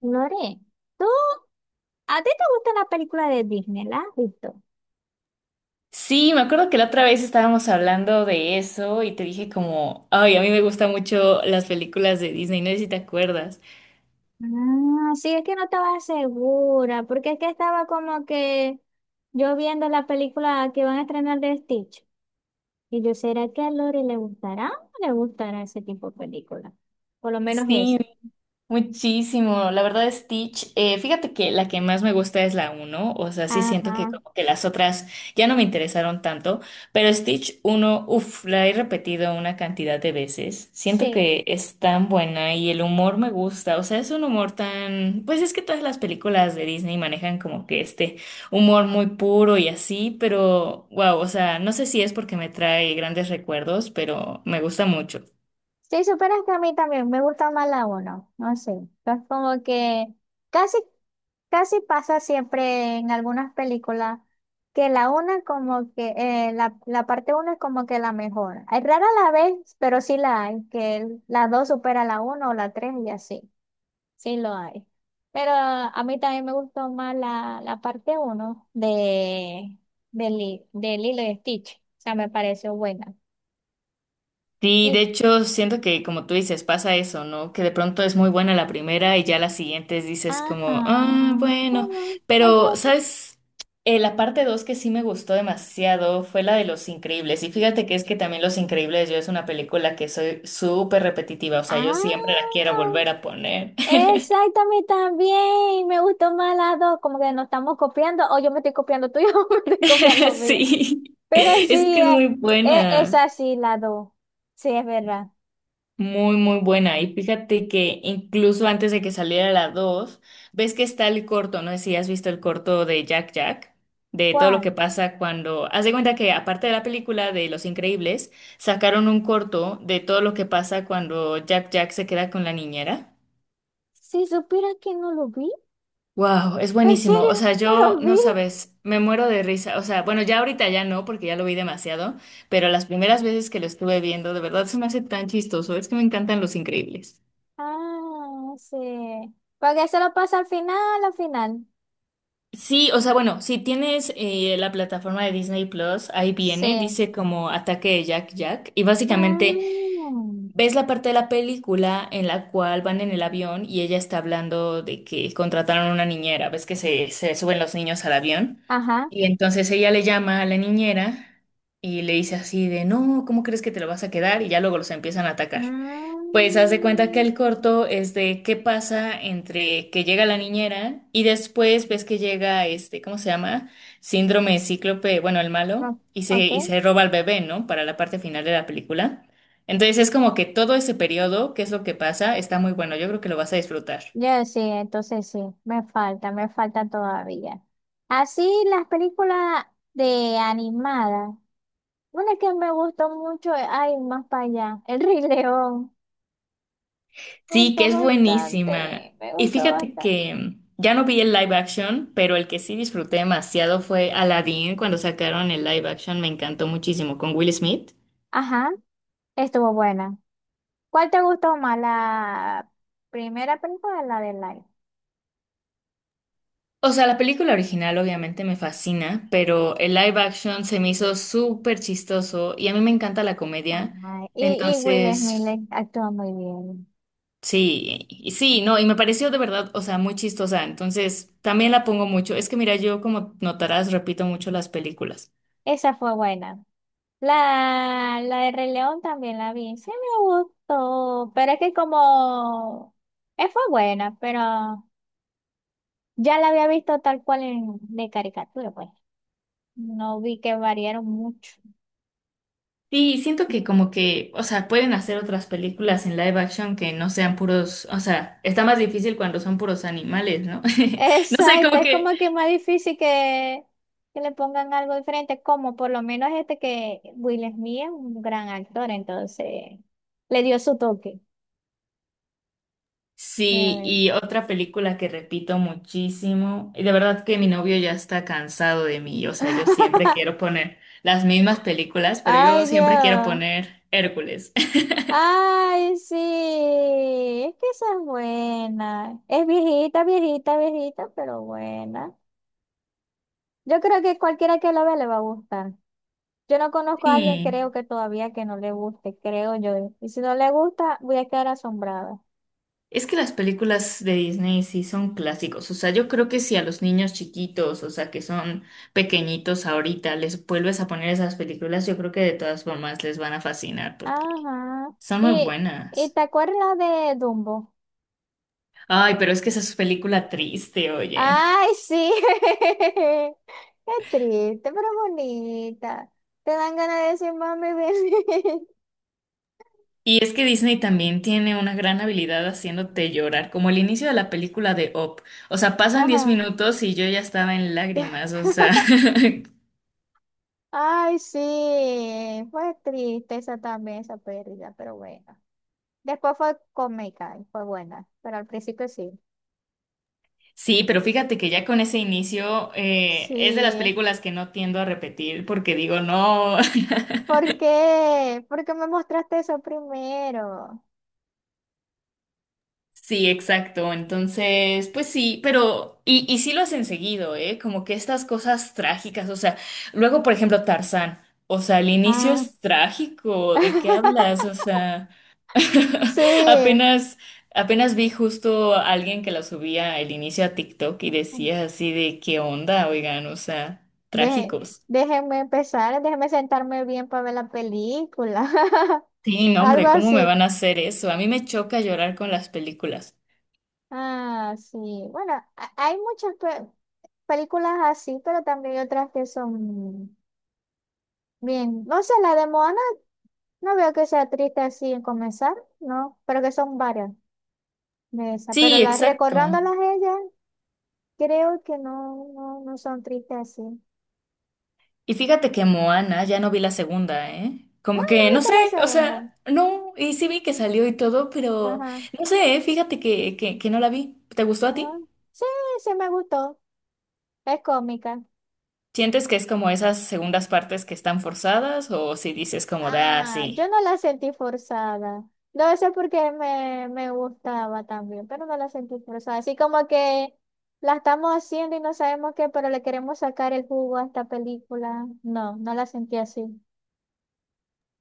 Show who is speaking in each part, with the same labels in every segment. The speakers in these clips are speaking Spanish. Speaker 1: Lore, ¿tú, ¿a ti te gustan las películas de Disney? ¿Las has visto?
Speaker 2: Sí, me acuerdo que la otra vez estábamos hablando de eso y te dije como, ay, a mí me gustan mucho las películas de Disney, no sé si te acuerdas.
Speaker 1: Ah, sí, es que no estaba segura, porque es que estaba como que yo viendo la película que van a estrenar de Stitch. Y yo, ¿será que a Lore le gustará? ¿O no le gustará ese tipo de película? Por lo menos
Speaker 2: Sí,
Speaker 1: esa.
Speaker 2: muchísimo, la verdad Stitch, fíjate que la que más me gusta es la uno, o sea, sí siento que
Speaker 1: Ajá,
Speaker 2: como que las otras ya no me interesaron tanto, pero Stitch uno, uff, la he repetido una cantidad de veces, siento
Speaker 1: sí.
Speaker 2: que es tan buena y el humor me gusta, o sea, es un humor tan, pues es que todas las películas de Disney manejan como que este humor muy puro y así, pero wow, o sea, no sé si es porque me trae grandes recuerdos, pero me gusta mucho.
Speaker 1: Si superas que a mí también me gusta más la uno, no sé. Es como que casi, casi pasa siempre en algunas películas que la una como que la parte uno es como que la mejor. Es rara la vez, pero sí la hay, que la dos supera la uno o la tres y así. Sí lo hay. Pero a mí también me gustó más la parte uno de Lilo y Stitch. O sea, me pareció buena.
Speaker 2: Sí, de
Speaker 1: Y
Speaker 2: hecho, siento que como tú dices, pasa eso, ¿no? Que de pronto es muy buena la primera y ya las siguientes dices
Speaker 1: ajá.
Speaker 2: como, ah,
Speaker 1: Ah,
Speaker 2: bueno,
Speaker 1: Me
Speaker 2: pero,
Speaker 1: quedo con-
Speaker 2: ¿sabes? La parte dos que sí me gustó demasiado fue la de Los Increíbles. Y fíjate que es que también Los Increíbles, yo, es una película que soy súper repetitiva, o sea, yo
Speaker 1: ah,
Speaker 2: siempre la quiero volver a poner.
Speaker 1: exactamente también. Me gustó más las dos. Como que nos estamos copiando. O yo me estoy copiando tuyo o me estoy copiando mío.
Speaker 2: Sí,
Speaker 1: Pero sí,
Speaker 2: es que es muy
Speaker 1: es
Speaker 2: buena.
Speaker 1: así la dos. Sí, es verdad.
Speaker 2: Muy, muy buena. Y fíjate que incluso antes de que saliera la dos, ves que está el corto, no sé si has visto el corto de Jack Jack, de todo lo que
Speaker 1: ¿Cuál?
Speaker 2: pasa cuando... Haz de cuenta que aparte de la película de Los Increíbles, sacaron un corto de todo lo que pasa cuando Jack Jack se queda con la niñera.
Speaker 1: Si supiera que no lo vi.
Speaker 2: Wow, es
Speaker 1: ¿En
Speaker 2: buenísimo. O
Speaker 1: serio?
Speaker 2: sea,
Speaker 1: No
Speaker 2: yo,
Speaker 1: lo
Speaker 2: no
Speaker 1: vi.
Speaker 2: sabes, me muero de risa. O sea, bueno, ya ahorita ya no, porque ya lo vi demasiado, pero las primeras veces que lo estuve viendo, de verdad se me hace tan chistoso. Es que me encantan Los Increíbles.
Speaker 1: Ah, sí. Porque eso lo pasa al final, al final.
Speaker 2: Sí, o sea, bueno, si tienes la plataforma de Disney Plus, ahí viene,
Speaker 1: Sí.
Speaker 2: dice como Ataque de Jack Jack, y básicamente
Speaker 1: Ah,
Speaker 2: ves la parte de la película en la cual van en el avión y ella está hablando de que contrataron una niñera, ves que se suben los niños al avión,
Speaker 1: ajá.
Speaker 2: y entonces ella le llama a la niñera y le dice así de, no, ¿cómo crees que te lo vas a quedar? Y ya luego los empiezan a atacar. Pues haz de cuenta que
Speaker 1: Mm.
Speaker 2: el corto es de qué pasa entre que llega la niñera y después ves que llega este, ¿cómo se llama? Síndrome de cíclope, bueno, el malo,
Speaker 1: No,
Speaker 2: y se,
Speaker 1: ok,
Speaker 2: y se roba al bebé, ¿no? Para la parte final de la película. Entonces es como que todo ese periodo, qué es lo que pasa, está muy bueno. Yo creo que lo vas a disfrutar.
Speaker 1: yo sí, entonces sí, me falta todavía. Así las películas de animadas, una que me gustó mucho, ay, más para allá, El Rey León, me
Speaker 2: Sí, que
Speaker 1: gustó
Speaker 2: es buenísima.
Speaker 1: bastante, me
Speaker 2: Y
Speaker 1: gustó
Speaker 2: fíjate
Speaker 1: bastante.
Speaker 2: que ya no vi el live action, pero el que sí disfruté demasiado fue Aladdin cuando sacaron el live action, me encantó muchísimo con Will Smith.
Speaker 1: Ajá, estuvo buena. ¿Cuál te gustó más, la primera película o la de Life?
Speaker 2: O sea, la película original obviamente me fascina, pero el live action se me hizo súper chistoso y a mí me encanta la comedia.
Speaker 1: Ajá, y Will Smith
Speaker 2: Entonces,
Speaker 1: actuó muy bien,
Speaker 2: sí, no, y me pareció de verdad, o sea, muy chistosa. Entonces, también la pongo mucho. Es que mira, yo, como notarás, repito mucho las películas.
Speaker 1: esa fue buena. La de Rey León también la vi, sí me gustó, pero es que como fue buena, pero ya la había visto tal cual en, de caricatura, pues no vi que variaron mucho.
Speaker 2: Sí, siento que como que, o sea, pueden hacer otras películas en live action que no sean puros, o sea, está más difícil cuando son puros animales, ¿no? No sé,
Speaker 1: Exacto,
Speaker 2: como
Speaker 1: es
Speaker 2: que...
Speaker 1: como que más difícil que le pongan algo diferente, como por lo menos este que Will Smith es un gran actor, entonces le dio su toque. Ya
Speaker 2: Sí,
Speaker 1: ven.
Speaker 2: y otra película que repito muchísimo, y de verdad que mi novio ya está cansado de mí, o sea, yo siempre quiero poner las mismas películas, pero yo
Speaker 1: Ay,
Speaker 2: siempre quiero
Speaker 1: Dios.
Speaker 2: poner Hércules.
Speaker 1: Ay, sí, es que esa es buena. Es viejita, viejita, viejita, pero buena. Yo creo que cualquiera que la vea le va a gustar. Yo no conozco a alguien,
Speaker 2: Sí,
Speaker 1: creo que todavía que no le guste, creo yo. Y si no le gusta, voy a quedar asombrada.
Speaker 2: es que las películas de Disney sí son clásicos, o sea, yo creo que si a los niños chiquitos, o sea, que son pequeñitos ahorita, les vuelves a poner esas películas, yo creo que de todas formas les van a fascinar porque
Speaker 1: Ajá.
Speaker 2: son muy
Speaker 1: ¿Y, ¿y
Speaker 2: buenas.
Speaker 1: te acuerdas de Dumbo?
Speaker 2: Ay, pero es que esa es película triste, oye.
Speaker 1: Ay, sí. Qué triste, pero bonita. Te dan ganas de decir, mami, ven.
Speaker 2: Y es que Disney también tiene una gran habilidad haciéndote llorar, como el inicio de la película de Up. O sea, pasan 10
Speaker 1: Ajá.
Speaker 2: minutos y yo ya estaba en lágrimas, o sea.
Speaker 1: Ay, sí, fue triste esa también, esa pérdida, pero bueno. Después fue cómica y fue buena, pero al principio sí.
Speaker 2: Sí, pero fíjate que ya con ese inicio, es de las
Speaker 1: Sí,
Speaker 2: películas que no tiendo a repetir porque digo, no.
Speaker 1: ¿por qué? ¿Por qué me mostraste eso primero?
Speaker 2: Sí, exacto. Entonces, pues sí, pero. Y sí lo hacen seguido, ¿eh? Como que estas cosas trágicas, o sea, luego, por ejemplo, Tarzán. O sea, el inicio
Speaker 1: Ah,
Speaker 2: es trágico. ¿De qué hablas? O sea.
Speaker 1: sí,
Speaker 2: Apenas, apenas vi justo a alguien que la subía el inicio a TikTok y decía así de qué onda, oigan, o sea,
Speaker 1: Deje-
Speaker 2: trágicos.
Speaker 1: déjenme empezar, déjenme sentarme bien para ver la película,
Speaker 2: Sí, no,
Speaker 1: algo
Speaker 2: hombre, ¿cómo me
Speaker 1: así.
Speaker 2: van a hacer eso? A mí me choca llorar con las películas.
Speaker 1: Ah, sí, bueno, hay muchas películas así, pero también hay otras que son bien, no sé, la de Moana. No veo que sea triste así en comenzar, ¿no? Pero que son varias de esas. Pero
Speaker 2: Sí,
Speaker 1: las
Speaker 2: exacto.
Speaker 1: recordándolas a ellas, creo que no son tristes así.
Speaker 2: Y fíjate que Moana ya no vi la segunda, ¿eh?
Speaker 1: Ah,
Speaker 2: Como
Speaker 1: no
Speaker 2: que, no
Speaker 1: viste
Speaker 2: sé,
Speaker 1: la
Speaker 2: o
Speaker 1: segunda.
Speaker 2: sea, no, y sí vi que salió y todo, pero
Speaker 1: Ajá.
Speaker 2: no sé, ¿eh? Fíjate que no la vi. ¿Te gustó a
Speaker 1: Ah,
Speaker 2: ti?
Speaker 1: sí, sí me gustó. Es cómica.
Speaker 2: ¿Sientes que es como esas segundas partes que están forzadas o si dices como da,
Speaker 1: Ah, yo
Speaker 2: sí?
Speaker 1: no la sentí forzada. No sé por qué me gustaba también, pero no la sentí forzada. Así como que la estamos haciendo y no sabemos qué, pero le queremos sacar el jugo a esta película. No, no la sentí así.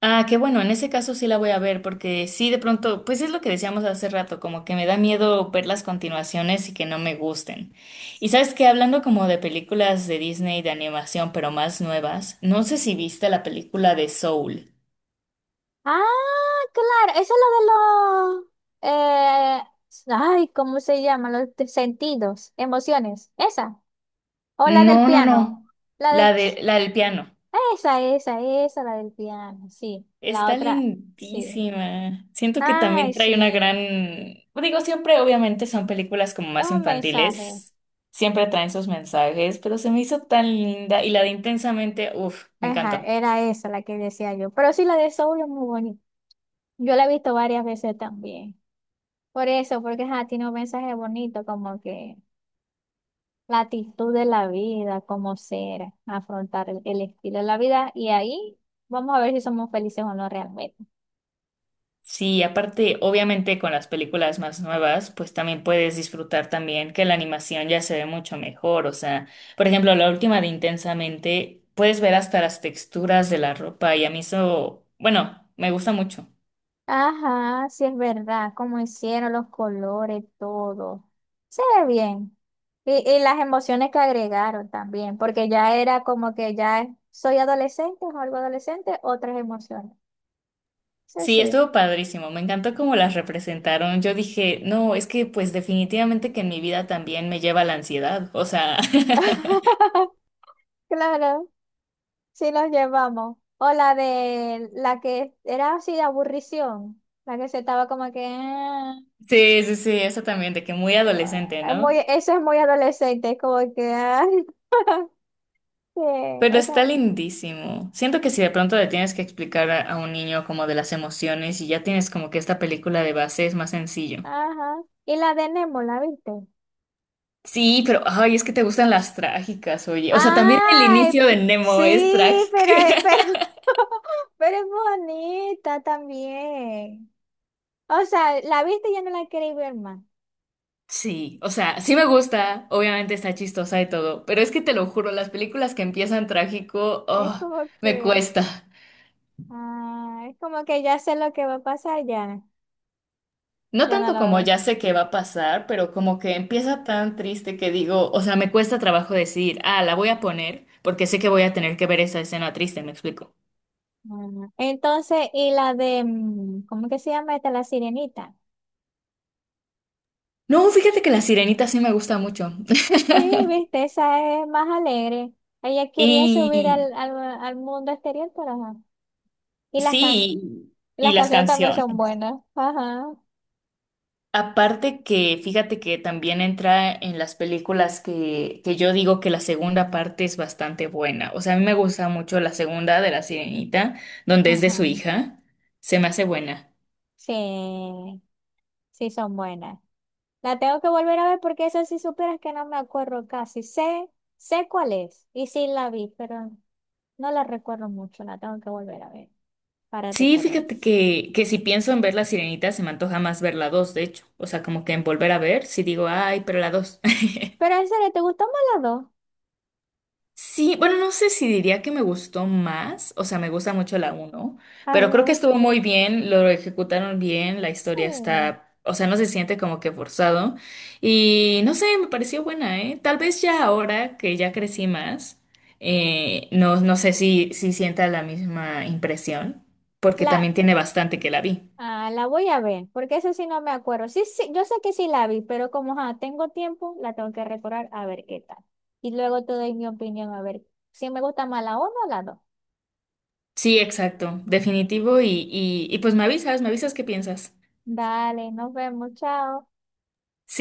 Speaker 2: Ah, qué bueno, en ese caso sí la voy a ver, porque sí, de pronto, pues es lo que decíamos hace rato, como que me da miedo ver las continuaciones y que no me gusten. Y sabes que hablando como de películas de Disney de animación, pero más nuevas, no sé si viste la película de Soul.
Speaker 1: Ah, claro, eso es lo de los, eh, ay, ¿cómo se llama? Los sentidos, emociones, esa, o la del
Speaker 2: No, no,
Speaker 1: piano,
Speaker 2: no,
Speaker 1: la del,
Speaker 2: la de,
Speaker 1: ch-
Speaker 2: la del piano.
Speaker 1: esa, la del piano, sí, la
Speaker 2: Está
Speaker 1: otra, sí,
Speaker 2: lindísima. Siento que también
Speaker 1: ay,
Speaker 2: trae una
Speaker 1: sí,
Speaker 2: gran... pues digo, siempre obviamente son películas como
Speaker 1: es
Speaker 2: más
Speaker 1: un mensaje,
Speaker 2: infantiles, siempre traen sus mensajes, pero se me hizo tan linda y la de Intensamente, uff, me
Speaker 1: ajá,
Speaker 2: encantó.
Speaker 1: era esa la que decía yo, pero sí, la de Soul es muy bonita, yo la he visto varias veces también, por eso, porque ajá, tiene un mensaje bonito, como que... La actitud de la vida, cómo ser, afrontar el estilo de la vida y ahí vamos a ver si somos felices o no realmente.
Speaker 2: Sí, aparte, obviamente con las películas más nuevas, pues también puedes disfrutar también que la animación ya se ve mucho mejor. O sea, por ejemplo, la última de Intensamente, puedes ver hasta las texturas de la ropa y a mí eso, bueno, me gusta mucho.
Speaker 1: Ajá, sí es verdad, cómo hicieron los colores, todo. Se ve bien. Y las emociones que agregaron también, porque ya era como que ya soy adolescente o algo adolescente, otras emociones. Sí,
Speaker 2: Sí,
Speaker 1: sí.
Speaker 2: estuvo padrísimo, me encantó cómo las representaron. Yo dije, no, es que pues definitivamente que en mi vida también me lleva la ansiedad, o sea,
Speaker 1: Claro. Sí, nos llevamos. O la de la que era así de aburrición. La que se estaba como que, ah,
Speaker 2: sí, sí, sí, eso también, de que muy adolescente,
Speaker 1: es muy,
Speaker 2: ¿no?
Speaker 1: eso es muy adolescente, es como que, ay, que
Speaker 2: Pero está
Speaker 1: esa.
Speaker 2: lindísimo. Siento que si de pronto le tienes que explicar a un niño como de las emociones y ya tienes como que esta película de base, es más sencillo.
Speaker 1: Ajá. Y la de Nemo, ¿la viste?
Speaker 2: Sí, pero, ay, es que te gustan las trágicas, oye. O sea, también el
Speaker 1: ¡Ay!
Speaker 2: inicio de
Speaker 1: Sí,
Speaker 2: Nemo es trágico.
Speaker 1: pero, pero, pero es bonita también. O sea, la viste y ya no la queréis ver más.
Speaker 2: Sí, o sea, sí me gusta, obviamente está chistosa y todo, pero es que te lo juro, las películas que empiezan trágico,
Speaker 1: Es
Speaker 2: oh,
Speaker 1: como
Speaker 2: me
Speaker 1: que,
Speaker 2: cuesta.
Speaker 1: ah, es como que ya sé lo que va a pasar, ya,
Speaker 2: No
Speaker 1: ya no
Speaker 2: tanto
Speaker 1: la
Speaker 2: como
Speaker 1: ves.
Speaker 2: ya sé qué va a pasar, pero como que empieza tan triste que digo, o sea, me cuesta trabajo decir, ah, la voy a poner, porque sé que voy a tener que ver esa escena triste, me explico.
Speaker 1: Mm, entonces, y la de, mm, ¿cómo que se llama esta? La sirenita.
Speaker 2: No, fíjate que La Sirenita sí me gusta mucho.
Speaker 1: Sí, viste, esa es más alegre. Ella quería subir
Speaker 2: Y
Speaker 1: al mundo exterior, pero ajá. Y
Speaker 2: sí, y
Speaker 1: las
Speaker 2: las
Speaker 1: canciones también son
Speaker 2: canciones.
Speaker 1: buenas. Ajá,
Speaker 2: Aparte que, fíjate que también entra en las películas que yo digo que la segunda parte es bastante buena. O sea, a mí me gusta mucho la segunda de La Sirenita, donde es de
Speaker 1: ajá.
Speaker 2: su hija. Se me hace buena.
Speaker 1: Sí, sí son buenas. La tengo que volver a ver porque esa sí supieras que no me acuerdo casi. Sé cuál es y sí la vi, pero no la recuerdo mucho. La tengo que volver a ver para
Speaker 2: Sí,
Speaker 1: recordar.
Speaker 2: fíjate que si pienso en ver La Sirenita, se me antoja más ver la dos, de hecho. O sea, como que en volver a ver, si digo, ay, pero la dos.
Speaker 1: Pero en serio, ¿te gustó más las dos?
Speaker 2: Sí, bueno, no sé si diría que me gustó más, o sea, me gusta mucho la uno,
Speaker 1: Ay,
Speaker 2: pero creo que estuvo muy bien, lo ejecutaron bien, la
Speaker 1: Sí,
Speaker 2: historia está, o sea, no se siente como que forzado y no sé, me pareció buena, ¿eh? Tal vez ya ahora que ya crecí más, no, no sé si sienta la misma impresión, porque
Speaker 1: la,
Speaker 2: también tiene bastante que la vi.
Speaker 1: ah, la voy a ver, porque eso sí no me acuerdo. Sí, sí, yo sé que sí la vi, pero como ajá, tengo tiempo, la tengo que recordar a ver qué tal. Y luego te doy mi opinión a ver si me gusta más la uno o la dos.
Speaker 2: Sí, exacto, definitivo y pues me avisas qué piensas.
Speaker 1: Dale, nos vemos, chao.